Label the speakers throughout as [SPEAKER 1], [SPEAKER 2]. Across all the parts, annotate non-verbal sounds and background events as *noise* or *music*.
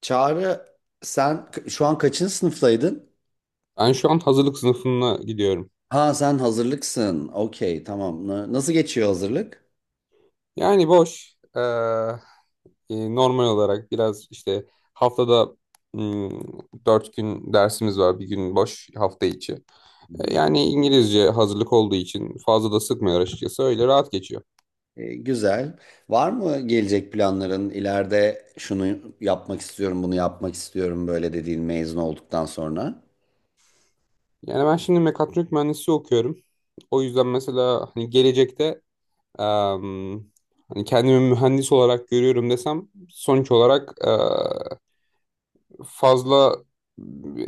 [SPEAKER 1] Çağrı, sen şu an kaçıncı sınıftaydın?
[SPEAKER 2] Ben şu an hazırlık sınıfına gidiyorum.
[SPEAKER 1] Ha, sen hazırlıksın. Okey, tamam. Nasıl geçiyor hazırlık?
[SPEAKER 2] Yani boş. Normal olarak biraz işte haftada hmm, dört gün dersimiz var. Bir gün boş hafta içi.
[SPEAKER 1] Hı hı.
[SPEAKER 2] Yani İngilizce hazırlık olduğu için fazla da sıkmıyor açıkçası. Öyle rahat geçiyor.
[SPEAKER 1] Güzel. Var mı gelecek planların? İleride şunu yapmak istiyorum, bunu yapmak istiyorum böyle dediğin, mezun olduktan sonra?
[SPEAKER 2] Yani ben şimdi mekatronik mühendisliği okuyorum. O yüzden mesela hani gelecekte em, hani kendimi mühendis olarak görüyorum desem sonuç olarak fazla,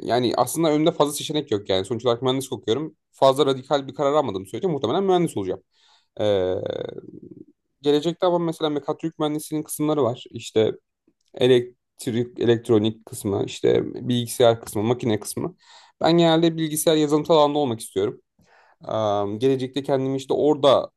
[SPEAKER 2] yani aslında önümde fazla seçenek yok yani. Sonuç olarak mühendislik okuyorum. Fazla radikal bir karar almadığım sürece muhtemelen mühendis olacağım. Ee, Gelecekte ama mesela mekatronik mühendisliğinin kısımları var. İşte elektrik, elektronik kısmı, işte bilgisayar kısmı, makine kısmı. Ben genelde bilgisayar yazılımsal alanda olmak istiyorum. Gelecekte kendimi işte orada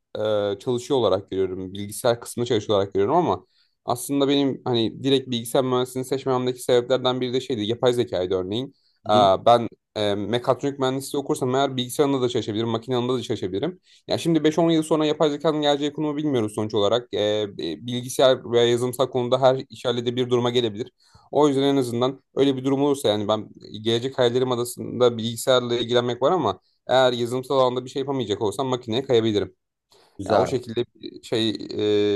[SPEAKER 2] çalışıyor olarak görüyorum. Bilgisayar kısmında çalışıyor olarak görüyorum ama aslında benim hani direkt bilgisayar mühendisliğini seçmemdeki sebeplerden biri de şeydi. Yapay zekaydı örneğin.
[SPEAKER 1] Hı hı.
[SPEAKER 2] Ben mekatronik mühendisliği okursam eğer bilgisayarında da çalışabilirim, makine alanında da çalışabilirim. Ya şimdi 5-10 yıl sonra yapay zekanın geleceği konumu bilmiyoruz sonuç olarak. Bilgisayar veya yazılımsal konuda her iş bir duruma gelebilir. O yüzden en azından öyle bir durum olursa yani ben gelecek hayallerim adasında bilgisayarla ilgilenmek var ama eğer yazılımsal alanda bir şey yapamayacak olsam makineye kayabilirim. Ya o
[SPEAKER 1] Güzel.
[SPEAKER 2] şekilde bir şey,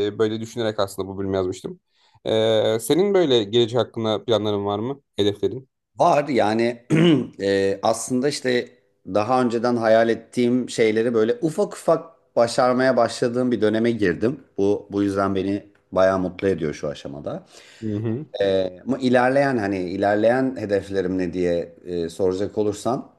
[SPEAKER 2] böyle düşünerek aslında bu bölümü yazmıştım. Senin böyle gelecek hakkında planların var mı? Hedeflerin?
[SPEAKER 1] Var yani *clears throat* aslında işte daha önceden hayal ettiğim şeyleri böyle ufak ufak başarmaya başladığım bir döneme girdim. Bu yüzden beni bayağı mutlu ediyor şu aşamada.
[SPEAKER 2] Hı hı.
[SPEAKER 1] Ama ilerleyen, hani ilerleyen hedeflerim ne diye soracak olursan,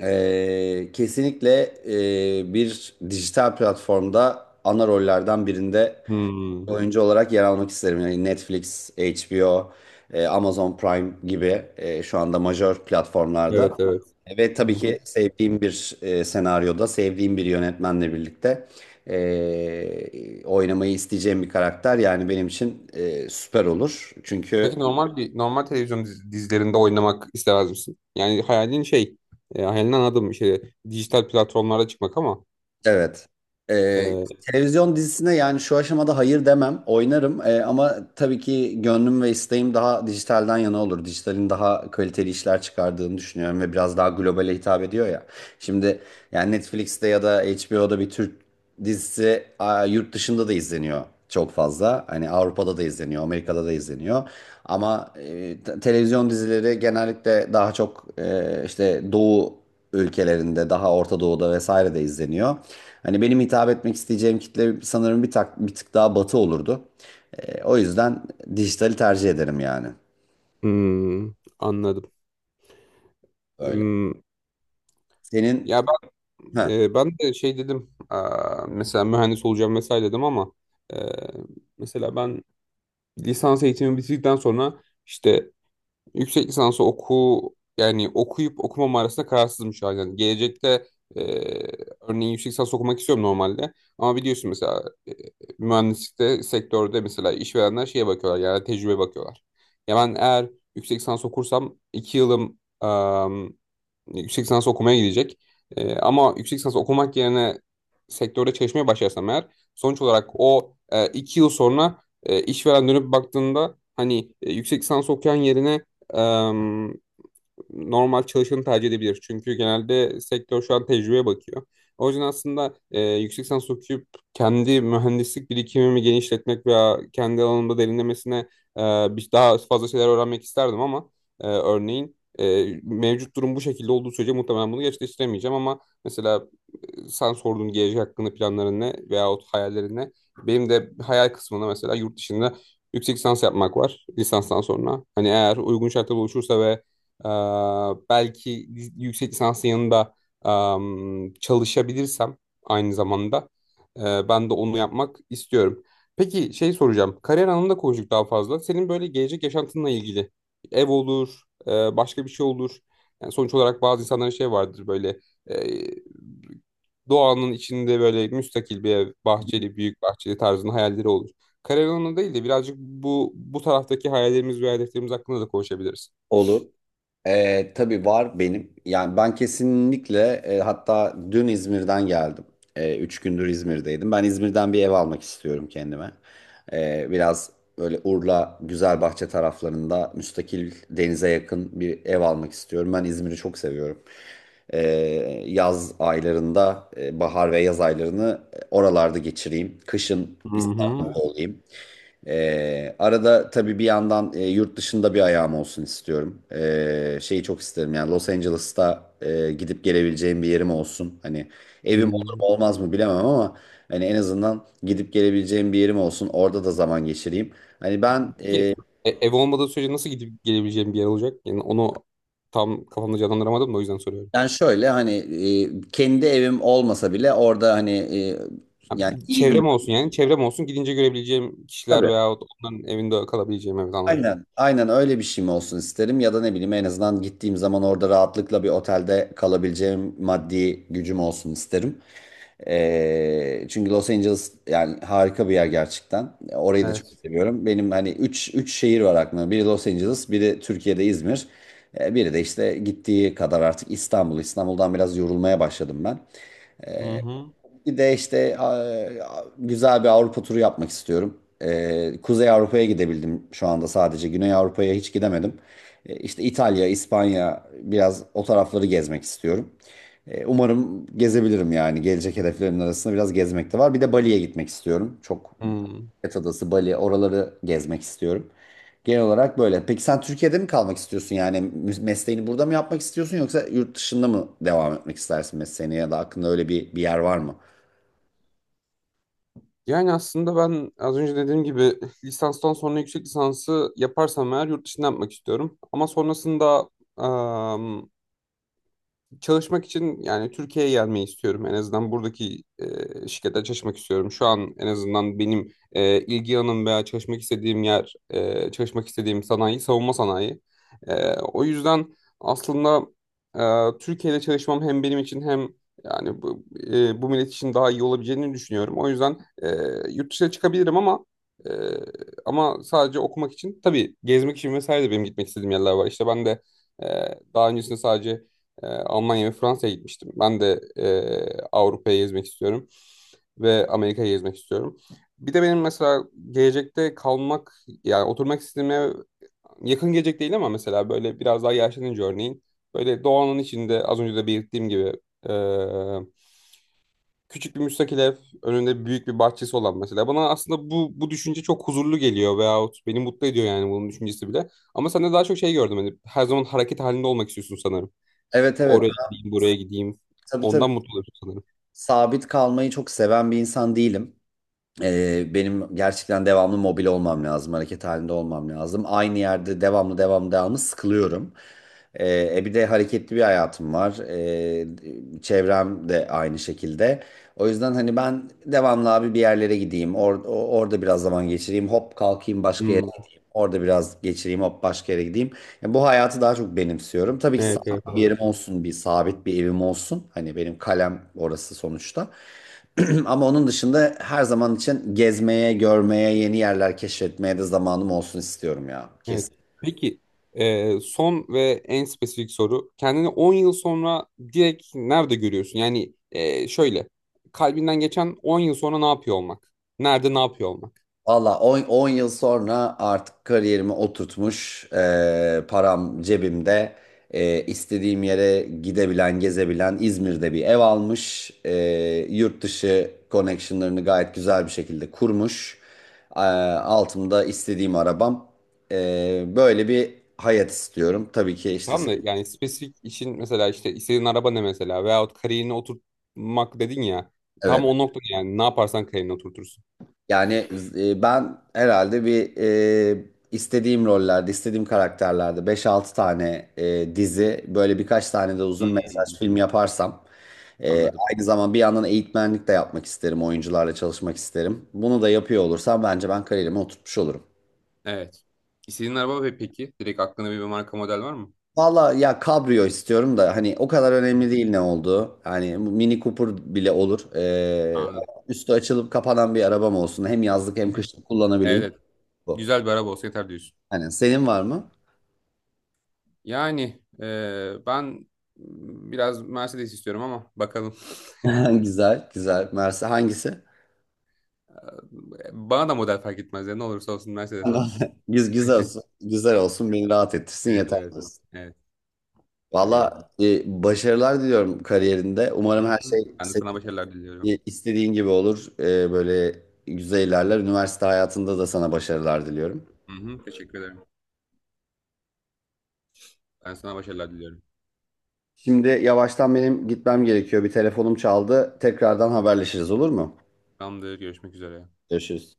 [SPEAKER 1] kesinlikle, bir dijital platformda ana rollerden birinde
[SPEAKER 2] Hmm.
[SPEAKER 1] oyuncu olarak yer almak isterim. Yani Netflix, HBO, Amazon Prime gibi, şu anda majör platformlarda.
[SPEAKER 2] Evet, evet.
[SPEAKER 1] Ve
[SPEAKER 2] Hı
[SPEAKER 1] tabii
[SPEAKER 2] hı.
[SPEAKER 1] ki sevdiğim bir senaryoda, sevdiğim bir yönetmenle birlikte oynamayı isteyeceğim bir karakter yani benim için süper olur. Çünkü...
[SPEAKER 2] Peki normal bir normal televizyon dizilerinde oynamak istemez misin? Yani hayalin şey, hayalini anladım, şey, dijital platformlara çıkmak ama
[SPEAKER 1] Evet. Ee,
[SPEAKER 2] e,
[SPEAKER 1] Televizyon dizisine yani şu aşamada hayır demem. Oynarım. Ama tabii ki gönlüm ve isteğim daha dijitalden yana olur. Dijitalin daha kaliteli işler çıkardığını düşünüyorum ve biraz daha globale hitap ediyor ya. Şimdi yani Netflix'te ya da HBO'da bir Türk dizisi yurt dışında da izleniyor çok fazla. Hani Avrupa'da da izleniyor, Amerika'da da izleniyor. Ama televizyon dizileri genellikle daha çok işte Doğu ülkelerinde, daha Orta Doğu'da vesaire de izleniyor. Hani benim hitap etmek isteyeceğim kitle sanırım bir tık daha batı olurdu. O yüzden dijitali tercih ederim yani.
[SPEAKER 2] hmm, anladım.
[SPEAKER 1] Öyle.
[SPEAKER 2] Hmm,
[SPEAKER 1] Senin...
[SPEAKER 2] ya,
[SPEAKER 1] Heh.
[SPEAKER 2] Ben de şey dedim, aa, mesela mühendis olacağım vesaire dedim ama e, mesela ben lisans eğitimi bitirdikten sonra işte yüksek lisansı oku, yani okuyup okumam arasında kararsızım şu an. Yani gelecekte e, örneğin yüksek lisans okumak istiyorum normalde ama biliyorsun mesela mühendislikte sektörde mesela işverenler şeye bakıyorlar yani tecrübe bakıyorlar. Ya ben eğer yüksek lisans okursam iki yılım yüksek lisans okumaya gidecek. Ama yüksek lisans okumak yerine sektörde çalışmaya başlarsam eğer sonuç olarak o iki yıl sonra işveren dönüp baktığında hani yüksek lisans okuyan yerine normal çalışanı tercih edebilir. Çünkü genelde sektör şu an tecrübeye bakıyor. O yüzden aslında yüksek lisans okuyup kendi mühendislik birikimimi genişletmek veya kendi alanımda derinlemesine e, daha fazla şeyler öğrenmek isterdim ama örneğin mevcut durum bu şekilde olduğu sürece muhtemelen bunu gerçekleştiremeyeceğim ama mesela sen sorduğun gelecek hakkında planların ne veyahut hayallerin ne? Benim de hayal kısmında mesela yurt dışında yüksek lisans yapmak var lisanstan sonra. Hani eğer uygun şartlar oluşursa ve ee, belki yüksek lisansın yanında çalışabilirsem aynı zamanda ben de onu yapmak istiyorum. Peki şey soracağım. Kariyer anlamında konuştuk daha fazla. Senin böyle gelecek yaşantınla ilgili ev olur, e, başka bir şey olur. Yani sonuç olarak bazı insanların şey vardır böyle, e, doğanın içinde böyle müstakil bir ev, bahçeli, büyük bahçeli tarzında hayalleri olur. Kariyer anlamında değil de birazcık bu taraftaki hayallerimiz ve hedeflerimiz hakkında da konuşabiliriz.
[SPEAKER 1] Olur. Tabii var benim. Yani ben kesinlikle, hatta dün İzmir'den geldim. 3 gündür İzmir'deydim. Ben İzmir'den bir ev almak istiyorum kendime. Biraz böyle Urla, Güzelbahçe taraflarında müstakil, denize yakın bir ev almak istiyorum. Ben İzmir'i çok seviyorum. E, Yaz aylarında, bahar ve yaz aylarını oralarda geçireyim. Kışın
[SPEAKER 2] Hı hı.
[SPEAKER 1] İstanbul'da olayım. Arada tabii bir yandan yurt dışında bir ayağım olsun istiyorum. Şeyi çok isterim yani Los Angeles'ta gidip gelebileceğim bir yerim olsun. Hani evim olur
[SPEAKER 2] Hmm.
[SPEAKER 1] mu olmaz mı bilemem ama hani en azından gidip gelebileceğim bir yerim olsun. Orada da zaman geçireyim. Hani ben
[SPEAKER 2] Peki ev olmadığı sürece nasıl gidip gelebileceğim bir yer olacak? Yani onu tam kafamda canlandıramadım da o yüzden soruyorum.
[SPEAKER 1] ben şöyle hani kendi evim olmasa bile orada hani
[SPEAKER 2] Ha,
[SPEAKER 1] yani iyi bir...
[SPEAKER 2] çevrem olsun, yani çevrem olsun gidince görebileceğim kişiler
[SPEAKER 1] Tabii.
[SPEAKER 2] veyahut onların evinde kalabileceğim, evet, anladım.
[SPEAKER 1] Aynen, aynen, öyle bir şey mi olsun isterim ya da ne bileyim, en azından gittiğim zaman orada rahatlıkla bir otelde kalabileceğim maddi gücüm olsun isterim. Çünkü Los Angeles yani harika bir yer gerçekten. Orayı da çok
[SPEAKER 2] Evet.
[SPEAKER 1] seviyorum. Benim hani üç şehir var aklımda. Biri Los Angeles, biri Türkiye'de İzmir. Biri de işte gittiği kadar artık İstanbul. İstanbul'dan biraz yorulmaya başladım ben.
[SPEAKER 2] Hı hı.
[SPEAKER 1] Bir de işte güzel bir Avrupa turu yapmak istiyorum. Kuzey Avrupa'ya gidebildim şu anda sadece. Güney Avrupa'ya hiç gidemedim. İşte İtalya, İspanya, biraz o tarafları gezmek istiyorum. Umarım gezebilirim yani. Gelecek hedeflerimin arasında biraz gezmek de var. Bir de Bali'ye gitmek istiyorum. Çok...
[SPEAKER 2] Hmm.
[SPEAKER 1] Phuket Adası, Bali, oraları gezmek istiyorum. Genel olarak böyle. Peki sen Türkiye'de mi kalmak istiyorsun? Yani mesleğini burada mı yapmak istiyorsun, yoksa yurt dışında mı devam etmek istersin mesleğini, ya da aklında öyle bir yer var mı?
[SPEAKER 2] Yani aslında ben az önce dediğim gibi lisanstan sonra yüksek lisansı yaparsam eğer yurt dışında yapmak istiyorum. Ama sonrasında çalışmak için yani Türkiye'ye gelmeyi istiyorum. En azından buradaki şirkette çalışmak istiyorum. Şu an en azından benim ilgi alanım veya çalışmak istediğim yer, çalışmak istediğim sanayi savunma sanayi. O yüzden aslında Türkiye'de çalışmam hem benim için hem yani bu, bu millet için daha iyi olabileceğini düşünüyorum. O yüzden e, yurt dışına çıkabilirim ama e, ama sadece okumak için tabii gezmek için vesaire de benim gitmek istediğim yerler var. İşte ben de ee, daha öncesinde sadece Almanya ve Fransa'ya gitmiştim. Ben de Avrupa'yı gezmek istiyorum ve Amerika'yı gezmek istiyorum. Bir de benim mesela gelecekte kalmak, yani oturmak istediğim ev yakın gelecek değil ama mesela böyle biraz daha yaşlanınca örneğin böyle doğanın içinde az önce de belirttiğim gibi e, küçük bir müstakil ev, önünde büyük bir bahçesi olan, mesela bana aslında bu düşünce çok huzurlu geliyor veyahut beni mutlu ediyor yani bunun düşüncesi bile. Ama sen de daha çok şey gördüm, hani her zaman hareket halinde olmak istiyorsun sanırım.
[SPEAKER 1] Evet, evet.
[SPEAKER 2] Oraya
[SPEAKER 1] Ben...
[SPEAKER 2] gideyim, buraya gideyim.
[SPEAKER 1] Tabii, tabii.
[SPEAKER 2] Ondan mutlu oluyorsun sanırım.
[SPEAKER 1] Sabit kalmayı çok seven bir insan değilim. Benim gerçekten devamlı mobil olmam lazım. Hareket halinde olmam lazım. Aynı yerde devamlı devamlı devamlı sıkılıyorum. Bir de hareketli bir hayatım var. Çevrem de aynı şekilde. O yüzden hani ben devamlı abi bir yerlere gideyim. Orada biraz zaman geçireyim. Hop kalkayım başka...
[SPEAKER 2] Hmm.
[SPEAKER 1] Orada biraz geçireyim, hop başka yere gideyim. Yani bu hayatı daha çok benimsiyorum. Tabii ki
[SPEAKER 2] Evet, evet,
[SPEAKER 1] sabit bir
[SPEAKER 2] anladım.
[SPEAKER 1] yerim olsun, bir sabit bir evim olsun. Hani benim kalem orası sonuçta. *clears throat* Ama onun dışında her zaman için gezmeye, görmeye, yeni yerler keşfetmeye de zamanım olsun istiyorum ya.
[SPEAKER 2] Evet.
[SPEAKER 1] Kesin.
[SPEAKER 2] Peki, son ve en spesifik soru. Kendini 10 yıl sonra direkt nerede görüyorsun? Yani şöyle, kalbinden geçen 10 yıl sonra ne yapıyor olmak? Nerede ne yapıyor olmak?
[SPEAKER 1] Valla, 10 yıl sonra artık kariyerimi oturtmuş, param cebimde, istediğim yere gidebilen, gezebilen, İzmir'de bir ev almış, yurt dışı connectionlarını gayet güzel bir şekilde kurmuş, E, altımda istediğim arabam, böyle bir hayat istiyorum. Tabii ki işte...
[SPEAKER 2] Tamam da, yani spesifik işin mesela işte istediğin araba ne mesela veyahut kariyerini oturtmak dedin ya. Tam
[SPEAKER 1] Evet.
[SPEAKER 2] o noktada yani ne yaparsan kariyerini oturtursun.
[SPEAKER 1] Yani ben herhalde bir, e, istediğim rollerde, istediğim karakterlerde beş altı tane dizi, böyle birkaç tane de uzun
[SPEAKER 2] Hmm,
[SPEAKER 1] mesaj film yaparsam, e,
[SPEAKER 2] anladım.
[SPEAKER 1] aynı zaman bir yandan eğitmenlik de yapmak isterim, oyuncularla çalışmak isterim. Bunu da yapıyor olursam bence ben kariyerimi oturtmuş olurum.
[SPEAKER 2] Evet. İstediğin araba ve peki direkt aklında bir marka model var mı?
[SPEAKER 1] Valla ya, kabrio istiyorum da hani o kadar önemli değil ne olduğu. Hani Mini Cooper bile olur.
[SPEAKER 2] Anladım.
[SPEAKER 1] Üstü açılıp kapanan bir arabam olsun. Hem yazlık hem kışlık
[SPEAKER 2] Evet,
[SPEAKER 1] kullanabileyim.
[SPEAKER 2] evet.
[SPEAKER 1] Bu.
[SPEAKER 2] Güzel bir araba olsa yeter diyorsun.
[SPEAKER 1] Hani senin var mı?
[SPEAKER 2] Yani ben biraz Mercedes istiyorum ama bakalım. *laughs*
[SPEAKER 1] *laughs* Güzel, güzel. Mersi hangisi?
[SPEAKER 2] Bana da model fark etmez ya. Ne olursa olsun Mercedes olsun.
[SPEAKER 1] *laughs* Güzel olsun. Güzel olsun. Beni rahat ettirsin
[SPEAKER 2] Evet,
[SPEAKER 1] yeter,
[SPEAKER 2] evet.
[SPEAKER 1] diyorsun.
[SPEAKER 2] Evet, öyle.
[SPEAKER 1] Valla, başarılar diliyorum kariyerinde.
[SPEAKER 2] Hı
[SPEAKER 1] Umarım her şey
[SPEAKER 2] hı. Ben de
[SPEAKER 1] senin
[SPEAKER 2] sana başarılar diliyorum.
[SPEAKER 1] istediğin gibi olur. Böyle güzel ilerler. Üniversite hayatında da sana başarılar diliyorum.
[SPEAKER 2] Hı hı, teşekkür ederim. Ben sana başarılar diliyorum.
[SPEAKER 1] Şimdi yavaştan benim gitmem gerekiyor. Bir telefonum çaldı. Tekrardan haberleşiriz, olur mu?
[SPEAKER 2] Tamamdır, görüşmek üzere.
[SPEAKER 1] Görüşürüz.